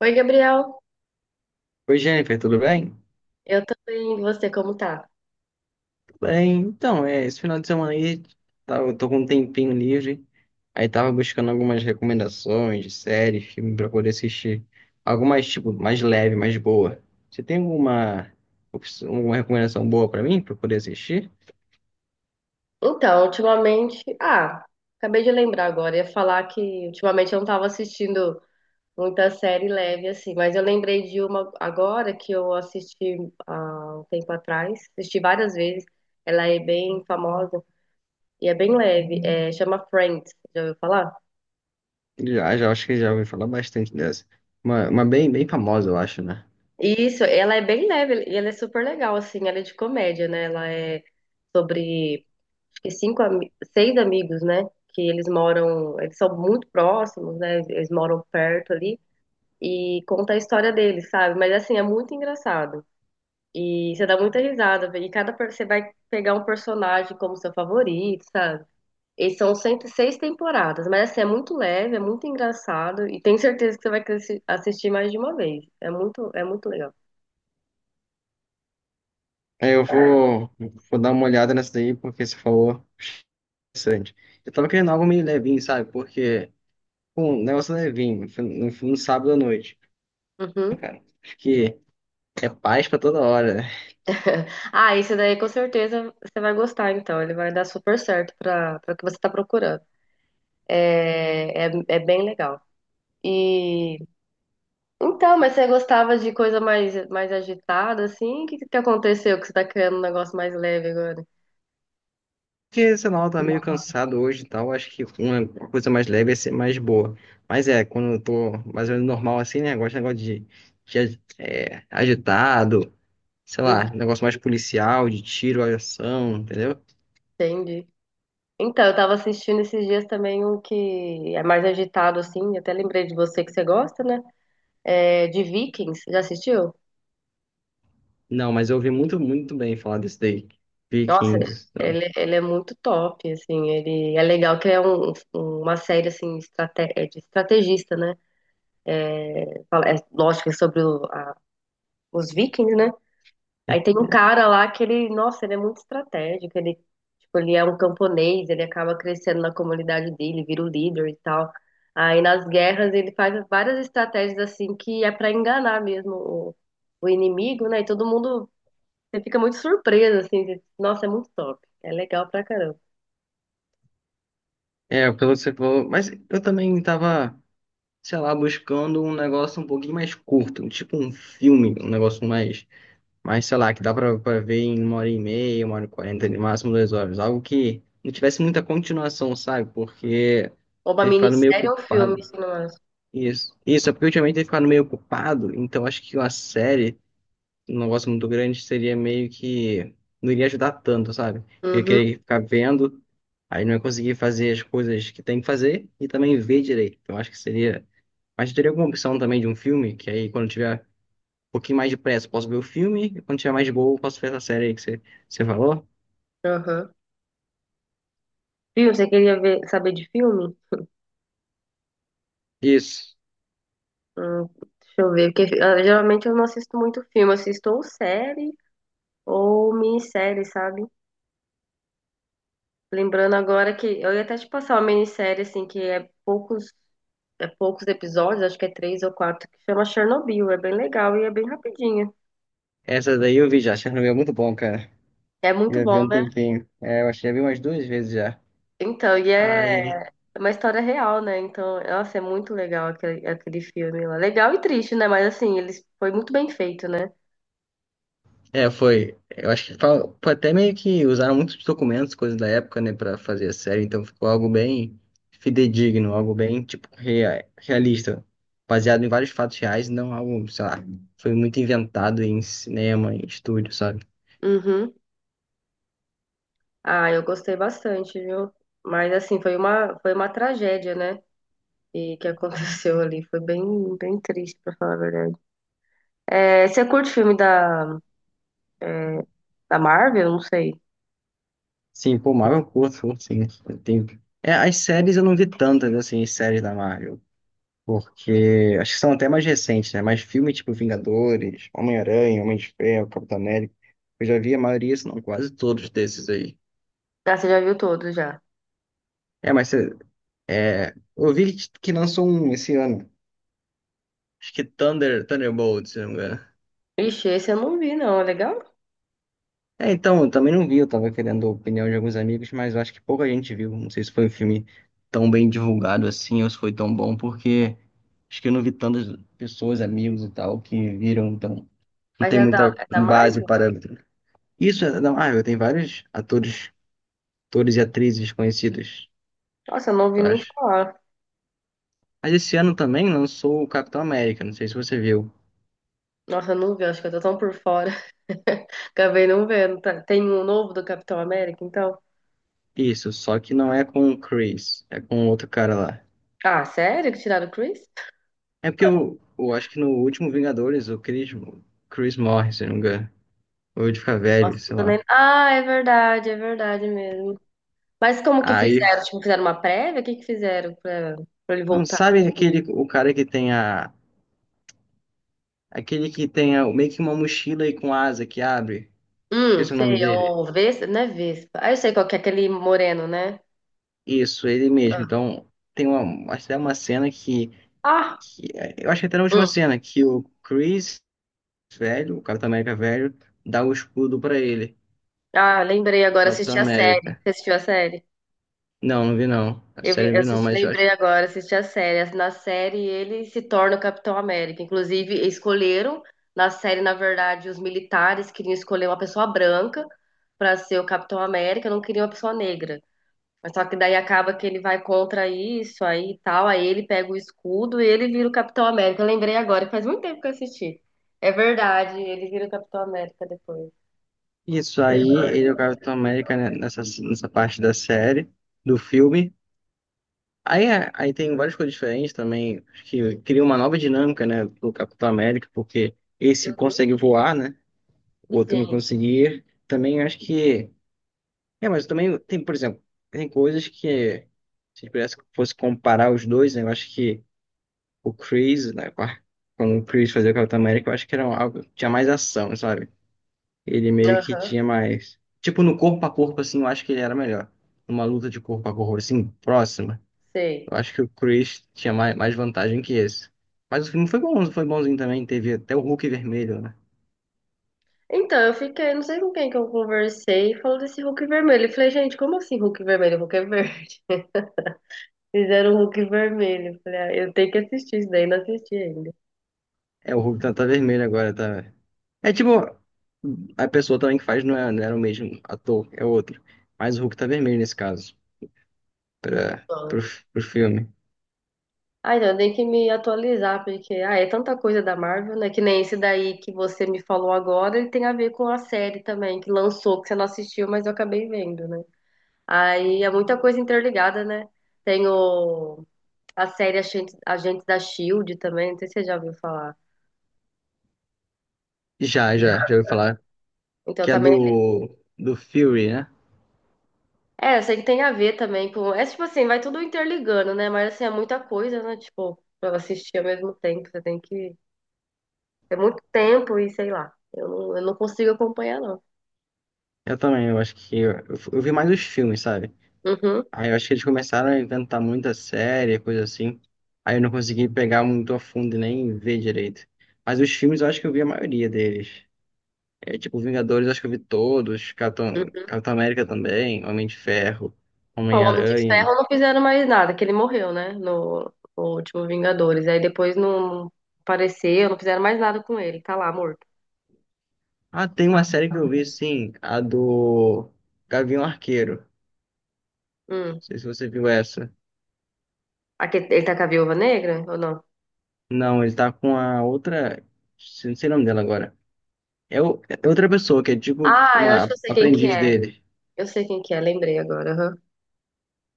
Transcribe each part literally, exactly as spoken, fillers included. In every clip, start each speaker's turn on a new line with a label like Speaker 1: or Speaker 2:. Speaker 1: Oi, Gabriel.
Speaker 2: Oi, Jennifer, tudo bem?
Speaker 1: Eu tô bem, e você como tá?
Speaker 2: Tudo bem. Então, é, esse final de semana aí, tá, eu tô com um tempinho livre. Aí tava buscando algumas recomendações de série, filme pra poder assistir. Algo mais, tipo, mais leve, mais boa. Você tem alguma, opção- alguma recomendação boa pra mim, pra poder assistir?
Speaker 1: Então, ultimamente, ah, acabei de lembrar agora, ia falar que ultimamente eu não tava assistindo muita série leve assim, mas eu lembrei de uma agora que eu assisti há um tempo atrás, assisti várias vezes. Ela é bem famosa e é bem leve, é, chama Friends, já ouviu falar?
Speaker 2: Já, já, acho que já ouvi falar bastante dessa. Uma, uma bem, bem famosa, eu acho, né?
Speaker 1: Isso, ela é bem leve e ela é super legal assim, ela é de comédia, né? Ela é sobre que cinco, ami- seis amigos, né? Que eles moram, eles são muito próximos, né? Eles moram perto ali e conta a história deles, sabe? Mas assim, é muito engraçado. E você dá muita risada, e cada per- você vai pegar um personagem como seu favorito, sabe? E são cento e seis temporadas, mas assim, é muito leve, é muito engraçado e tenho certeza que você vai cresci- assistir mais de uma vez. É muito, é muito legal.
Speaker 2: Aí eu vou, vou dar uma olhada nessa daí, porque você falou interessante. Eu tava querendo algo meio levinho, sabe? Porque... Um negócio levinho, no, no sábado à noite.
Speaker 1: Uhum.
Speaker 2: Acho que é paz pra toda hora. Né?
Speaker 1: Ah, esse daí com certeza você vai gostar, então. Ele vai dar super certo para para o que você está procurando. É, é, é bem legal. E então, mas você gostava de coisa mais, mais agitada, assim? O que, que aconteceu que você tá criando um negócio mais leve agora?
Speaker 2: Porque, sei lá, eu tô meio cansado hoje e tal. Acho que uma coisa mais leve ia ser mais boa. Mas é, quando eu tô mais ou menos normal assim, né? Eu gosto de negócio de, de agi- é, agitado, sei
Speaker 1: Hum,
Speaker 2: lá, negócio mais policial, de tiro, ação, entendeu?
Speaker 1: Entendi. Então, eu tava assistindo esses dias também um que é mais agitado, assim. Até lembrei de você que você gosta, né? É, de Vikings. Já assistiu?
Speaker 2: Não, mas eu ouvi muito, muito bem falar desse daí.
Speaker 1: Nossa,
Speaker 2: Vikings. Então.
Speaker 1: ele, ele é muito top, assim. Ele é legal que é um- um, uma série, assim, estrate- é de estrategista, né? Fala- É, lógico, é sobre o- a- os Vikings, né? Aí tem um cara lá que ele, nossa, ele é muito estratégico, ele, tipo, ele é um camponês, ele acaba crescendo na comunidade dele, vira o líder e tal. Aí nas guerras ele faz várias estratégias assim que é pra enganar mesmo o, o inimigo, né? E todo mundo, você fica muito surpreso assim, de- nossa, é muito top. É legal pra caramba.
Speaker 2: É, pelo que você falou. Mas eu também tava. Sei lá, buscando um negócio um pouquinho mais curto, tipo um filme, um negócio mais, mais sei lá, que dá pra, pra ver em uma hora e meia, uma hora e quarenta, no máximo duas horas. Algo que não tivesse muita continuação, sabe? Porque
Speaker 1: Ou uma
Speaker 2: ter ficado meio
Speaker 1: minissérie ou filme,
Speaker 2: ocupado.
Speaker 1: se não acha.
Speaker 2: Isso. Isso, é porque ultimamente ter ficado meio ocupado, então acho que uma série, um negócio muito grande, seria meio que não iria ajudar tanto, sabe? Eu ia
Speaker 1: Uhum,
Speaker 2: querer ficar vendo, aí não ia conseguir fazer as coisas que tem que fazer e também ver direito. Então acho que seria. Mas teria alguma opção também de um filme? Que aí, quando tiver um pouquinho mais de pressa, eu posso ver o filme. E quando tiver mais de boa, eu posso ver essa série aí que você, você falou?
Speaker 1: uhum. Filme, você queria ver, saber de filme?
Speaker 2: Isso.
Speaker 1: Hum, deixa eu ver, porque ah, geralmente eu não assisto muito filme, eu assisto ou série ou minissérie, sabe? Lembrando agora que eu ia até te passar uma minissérie, assim, que é poucos, é poucos episódios, acho que é três ou quatro, que chama Chernobyl. É bem legal e é bem rapidinha.
Speaker 2: Essa daí eu vi já. Chernobyl é muito bom, cara.
Speaker 1: É muito
Speaker 2: Já vi há
Speaker 1: bom,
Speaker 2: um
Speaker 1: né?
Speaker 2: tempinho. É, eu acho que já vi umas duas vezes já.
Speaker 1: Então, e
Speaker 2: Aí.
Speaker 1: é uma história real, né? Então, nossa, é muito legal aquele, aquele filme lá. Legal e triste, né? Mas assim, ele foi muito bem feito, né?
Speaker 2: É, foi. Eu acho que fa- foi até meio que usaram muitos documentos, coisas da época, né, pra fazer a série. Então ficou algo bem fidedigno, algo bem, tipo, rea- realista. Baseado em vários fatos reais, não algo, sei lá, foi muito inventado em cinema, em estúdio, sabe?
Speaker 1: Uhum. Ah, eu gostei bastante, viu? Mas assim, foi uma, foi uma tragédia, né? E que aconteceu ali. Foi bem, bem triste, pra falar a verdade. É, você curte filme da, da Marvel? Não sei.
Speaker 2: Sim, pô, Marvel eu curto, sim. Tem... É, as séries eu não vi tantas, né, assim, as séries da Marvel. Porque acho que são até mais recentes, né? Mas filme tipo Vingadores, Homem-Aranha, Homem de Ferro, Capitão América. Eu já vi a maioria, se não quase todos desses aí.
Speaker 1: Ah, você já viu todos já.
Speaker 2: É, mas cê- é, eu vi que que lançou um esse ano. Acho que Thunder, Thunderbolts, se não me engano.
Speaker 1: Ixi, esse eu não vi, não. É legal?
Speaker 2: É, então, eu também não vi, eu tava querendo a opinião de alguns amigos, mas eu acho que pouca gente viu. Não sei se foi um filme tão bem divulgado assim, ou se foi tão bom, porque acho que eu não vi tantas pessoas, amigos e tal, que viram, então não
Speaker 1: Mas
Speaker 2: tem
Speaker 1: é da,
Speaker 2: muita
Speaker 1: é da
Speaker 2: base
Speaker 1: Marvel?
Speaker 2: para. Isso, é- não, ah, eu tenho vários atores, atores e atrizes conhecidos,
Speaker 1: Nossa, eu não vi
Speaker 2: eu
Speaker 1: nem
Speaker 2: acho.
Speaker 1: falar.
Speaker 2: Mas esse ano também lançou o Capitão América, não sei se você viu.
Speaker 1: Nossa, eu não vi. Acho que eu tô tão por fora. Acabei não vendo. Tá- Tem um novo do Capitão América, então.
Speaker 2: Isso, só que não é com o Chris, é com outro cara lá.
Speaker 1: Ah, sério? Que tiraram o Chris?
Speaker 2: É porque eu, eu acho que no último Vingadores, o Chris, o Chris morre, se não me engano. Ou ele fica
Speaker 1: Nossa,
Speaker 2: velho,
Speaker 1: não
Speaker 2: sei
Speaker 1: tô nem.
Speaker 2: lá.
Speaker 1: Ah, é verdade, é verdade mesmo. Mas como que
Speaker 2: Aí,
Speaker 1: fizeram? Tipo, fizeram uma prévia? O que que fizeram pra, pra ele
Speaker 2: não,
Speaker 1: voltar?
Speaker 2: sabe aquele, o cara que tem a... Aquele que tem a, meio que uma mochila aí com asa que abre.
Speaker 1: Hum,
Speaker 2: Esqueci o
Speaker 1: sei,
Speaker 2: nome
Speaker 1: é
Speaker 2: dele.
Speaker 1: o Vespa, não é Vespa. Ah, eu sei qual que é aquele moreno, né?
Speaker 2: Isso, ele mesmo.
Speaker 1: Ah,
Speaker 2: Então, tem uma, acho que é uma cena que,
Speaker 1: ah,
Speaker 2: que... eu acho que até na última
Speaker 1: hum.
Speaker 2: cena, que o Chris velho, o Capitão América velho, dá o escudo pra ele.
Speaker 1: Ah, lembrei
Speaker 2: O
Speaker 1: agora,
Speaker 2: Capitão
Speaker 1: assisti a série.
Speaker 2: América.
Speaker 1: Você assistiu a série?
Speaker 2: Não, não vi não. A
Speaker 1: Eu,
Speaker 2: série
Speaker 1: vi-
Speaker 2: eu não
Speaker 1: eu
Speaker 2: vi não,
Speaker 1: assisti-
Speaker 2: mas eu
Speaker 1: lembrei
Speaker 2: acho.
Speaker 1: agora, assisti a série. Na série ele se torna o Capitão América. Inclusive, escolheram, na série, na verdade, os militares queriam escolher uma pessoa branca para ser o Capitão América, não queriam uma pessoa negra. Mas só que daí acaba que ele vai contra isso aí e tal, aí ele pega o escudo e ele vira o Capitão América. Eu lembrei agora, faz muito tempo que eu assisti. É verdade, ele vira o Capitão América depois.
Speaker 2: Isso aí, ele é o Capitão América né, nessa, nessa parte da série, do filme. Aí, é- aí tem várias coisas diferentes também, acho que cria uma nova dinâmica, né, do Capitão América, porque esse
Speaker 1: Uhum.
Speaker 2: consegue voar, né, o outro não
Speaker 1: Sim,
Speaker 2: conseguia. Também acho que... É, mas também tem, por exemplo, tem coisas que, se tivesse que fosse comparar os dois, né, eu acho que o Chris, né, quando o Chris fazia o Capitão América, eu acho que era algo, tinha mais ação, sabe? Ele meio que
Speaker 1: aham,
Speaker 2: tinha mais. Tipo, no corpo a corpo, assim, eu acho que ele era melhor. Numa luta de corpo a corpo, assim, próxima.
Speaker 1: sei.
Speaker 2: Eu acho que o Chris tinha mais, mais vantagem que esse. Mas o filme foi bom, foi bonzinho também. Teve até o Hulk vermelho, né?
Speaker 1: Então, eu fiquei, não sei com quem que eu conversei, falando desse Hulk vermelho. Eu falei, gente, como assim Hulk vermelho? Hulk é verde. Fizeram um Hulk vermelho. Eu falei, ah, eu tenho que assistir isso daí, não assisti ainda.
Speaker 2: É, o Hulk tá, tá vermelho agora, tá. É tipo, a pessoa também que faz não, é, não era o mesmo ator, é outro. Mas o Hulk tá vermelho nesse caso, pra, pro,
Speaker 1: Nossa.
Speaker 2: pro filme.
Speaker 1: Ah, então, eu tenho que me atualizar, porque ah, é tanta coisa da Marvel, né? Que nem esse daí que você me falou agora, ele tem a ver com a série também, que lançou, que você não assistiu, mas eu acabei vendo, né? Aí é muita coisa interligada, né? Tem o, a série Agente, Agente da Shield também, não sei se você já ouviu falar.
Speaker 2: Já, já, já ouvi falar.
Speaker 1: Então
Speaker 2: Que é
Speaker 1: também
Speaker 2: do, do Fury, né?
Speaker 1: É, eu sei que tem a ver também com. É tipo assim, vai tudo interligando, né? Mas assim, é muita coisa, né? Tipo, pra eu assistir ao mesmo tempo, você tem que. É muito tempo e sei lá. Eu não, eu não consigo acompanhar, não.
Speaker 2: Eu também, eu acho que. Eu, eu vi mais os filmes, sabe?
Speaker 1: Uhum,
Speaker 2: Aí eu acho que eles começaram a inventar muita série, coisa assim. Aí eu não consegui pegar muito a fundo e nem ver direito. Mas os filmes eu acho que eu vi a maioria deles. É tipo, Vingadores eu acho que eu vi todos. Capitão,
Speaker 1: uhum.
Speaker 2: Capitão América também, Homem de Ferro,
Speaker 1: Ó, o Homem de
Speaker 2: Homem-Aranha.
Speaker 1: Ferro não fizeram mais nada, que ele morreu, né? No, no último Vingadores. Aí depois não apareceu, não fizeram mais nada com ele. Tá lá, morto.
Speaker 2: Ah, tem uma série que eu vi sim, a do Gavião Arqueiro. Não
Speaker 1: Hum.
Speaker 2: sei se você viu essa.
Speaker 1: Aqui, ele tá com a Viúva Negra ou não?
Speaker 2: Não, ele tá com a outra. Não sei o nome dela agora. É, o- é outra pessoa que é tipo
Speaker 1: Ah, eu acho que
Speaker 2: uma
Speaker 1: eu sei quem que
Speaker 2: aprendiz
Speaker 1: é.
Speaker 2: dele.
Speaker 1: Eu sei quem que é, lembrei agora.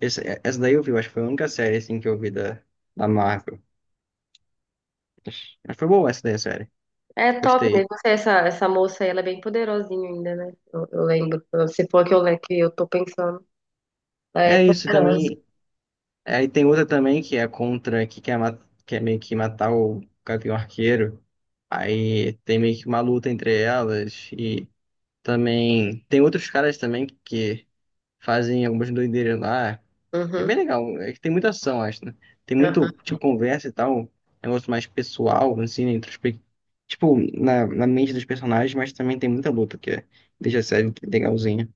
Speaker 2: Esse- é, essa daí eu vi, eu acho que foi a única série assim que eu vi da, da Marvel. Mas foi boa essa daí, a série. Eu
Speaker 1: É top, né?
Speaker 2: gostei.
Speaker 1: Você, essa, essa moça aí, ela é bem poderosinha ainda, né? Eu, eu lembro. Se for a que eu, le- que eu tô pensando. Ela é
Speaker 2: É isso
Speaker 1: poderosa.
Speaker 2: também. É, aí tem outra também que é contra, que quer, ma- quer meio que matar o Gavião Arqueiro. Aí tem meio que uma luta entre elas. E também tem outros caras também que fazem algumas doideiras lá. É bem
Speaker 1: Uhum.
Speaker 2: legal, é que tem muita ação, acho, né? Tem muito,
Speaker 1: Aham.
Speaker 2: tipo, conversa e tal, um negócio mais pessoal, assim, né? introspe- Tipo, na, na mente dos personagens, mas também tem muita luta, que é, deixa a série legalzinha.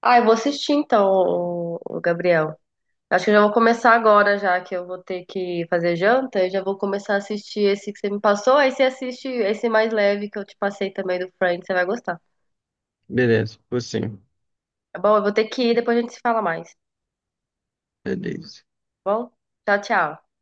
Speaker 1: Ah, eu vou assistir então, o, o Gabriel. Acho que eu já vou começar agora, já que eu vou ter que fazer janta. Eu já vou começar a assistir esse que você me passou. Aí você assiste esse mais leve que eu te passei também do Friends. Você vai gostar.
Speaker 2: Beleza, você.
Speaker 1: Tá bom? Eu vou ter que ir, depois a gente se fala mais.
Speaker 2: Beleza.
Speaker 1: Tá bom? Tchau, tchau.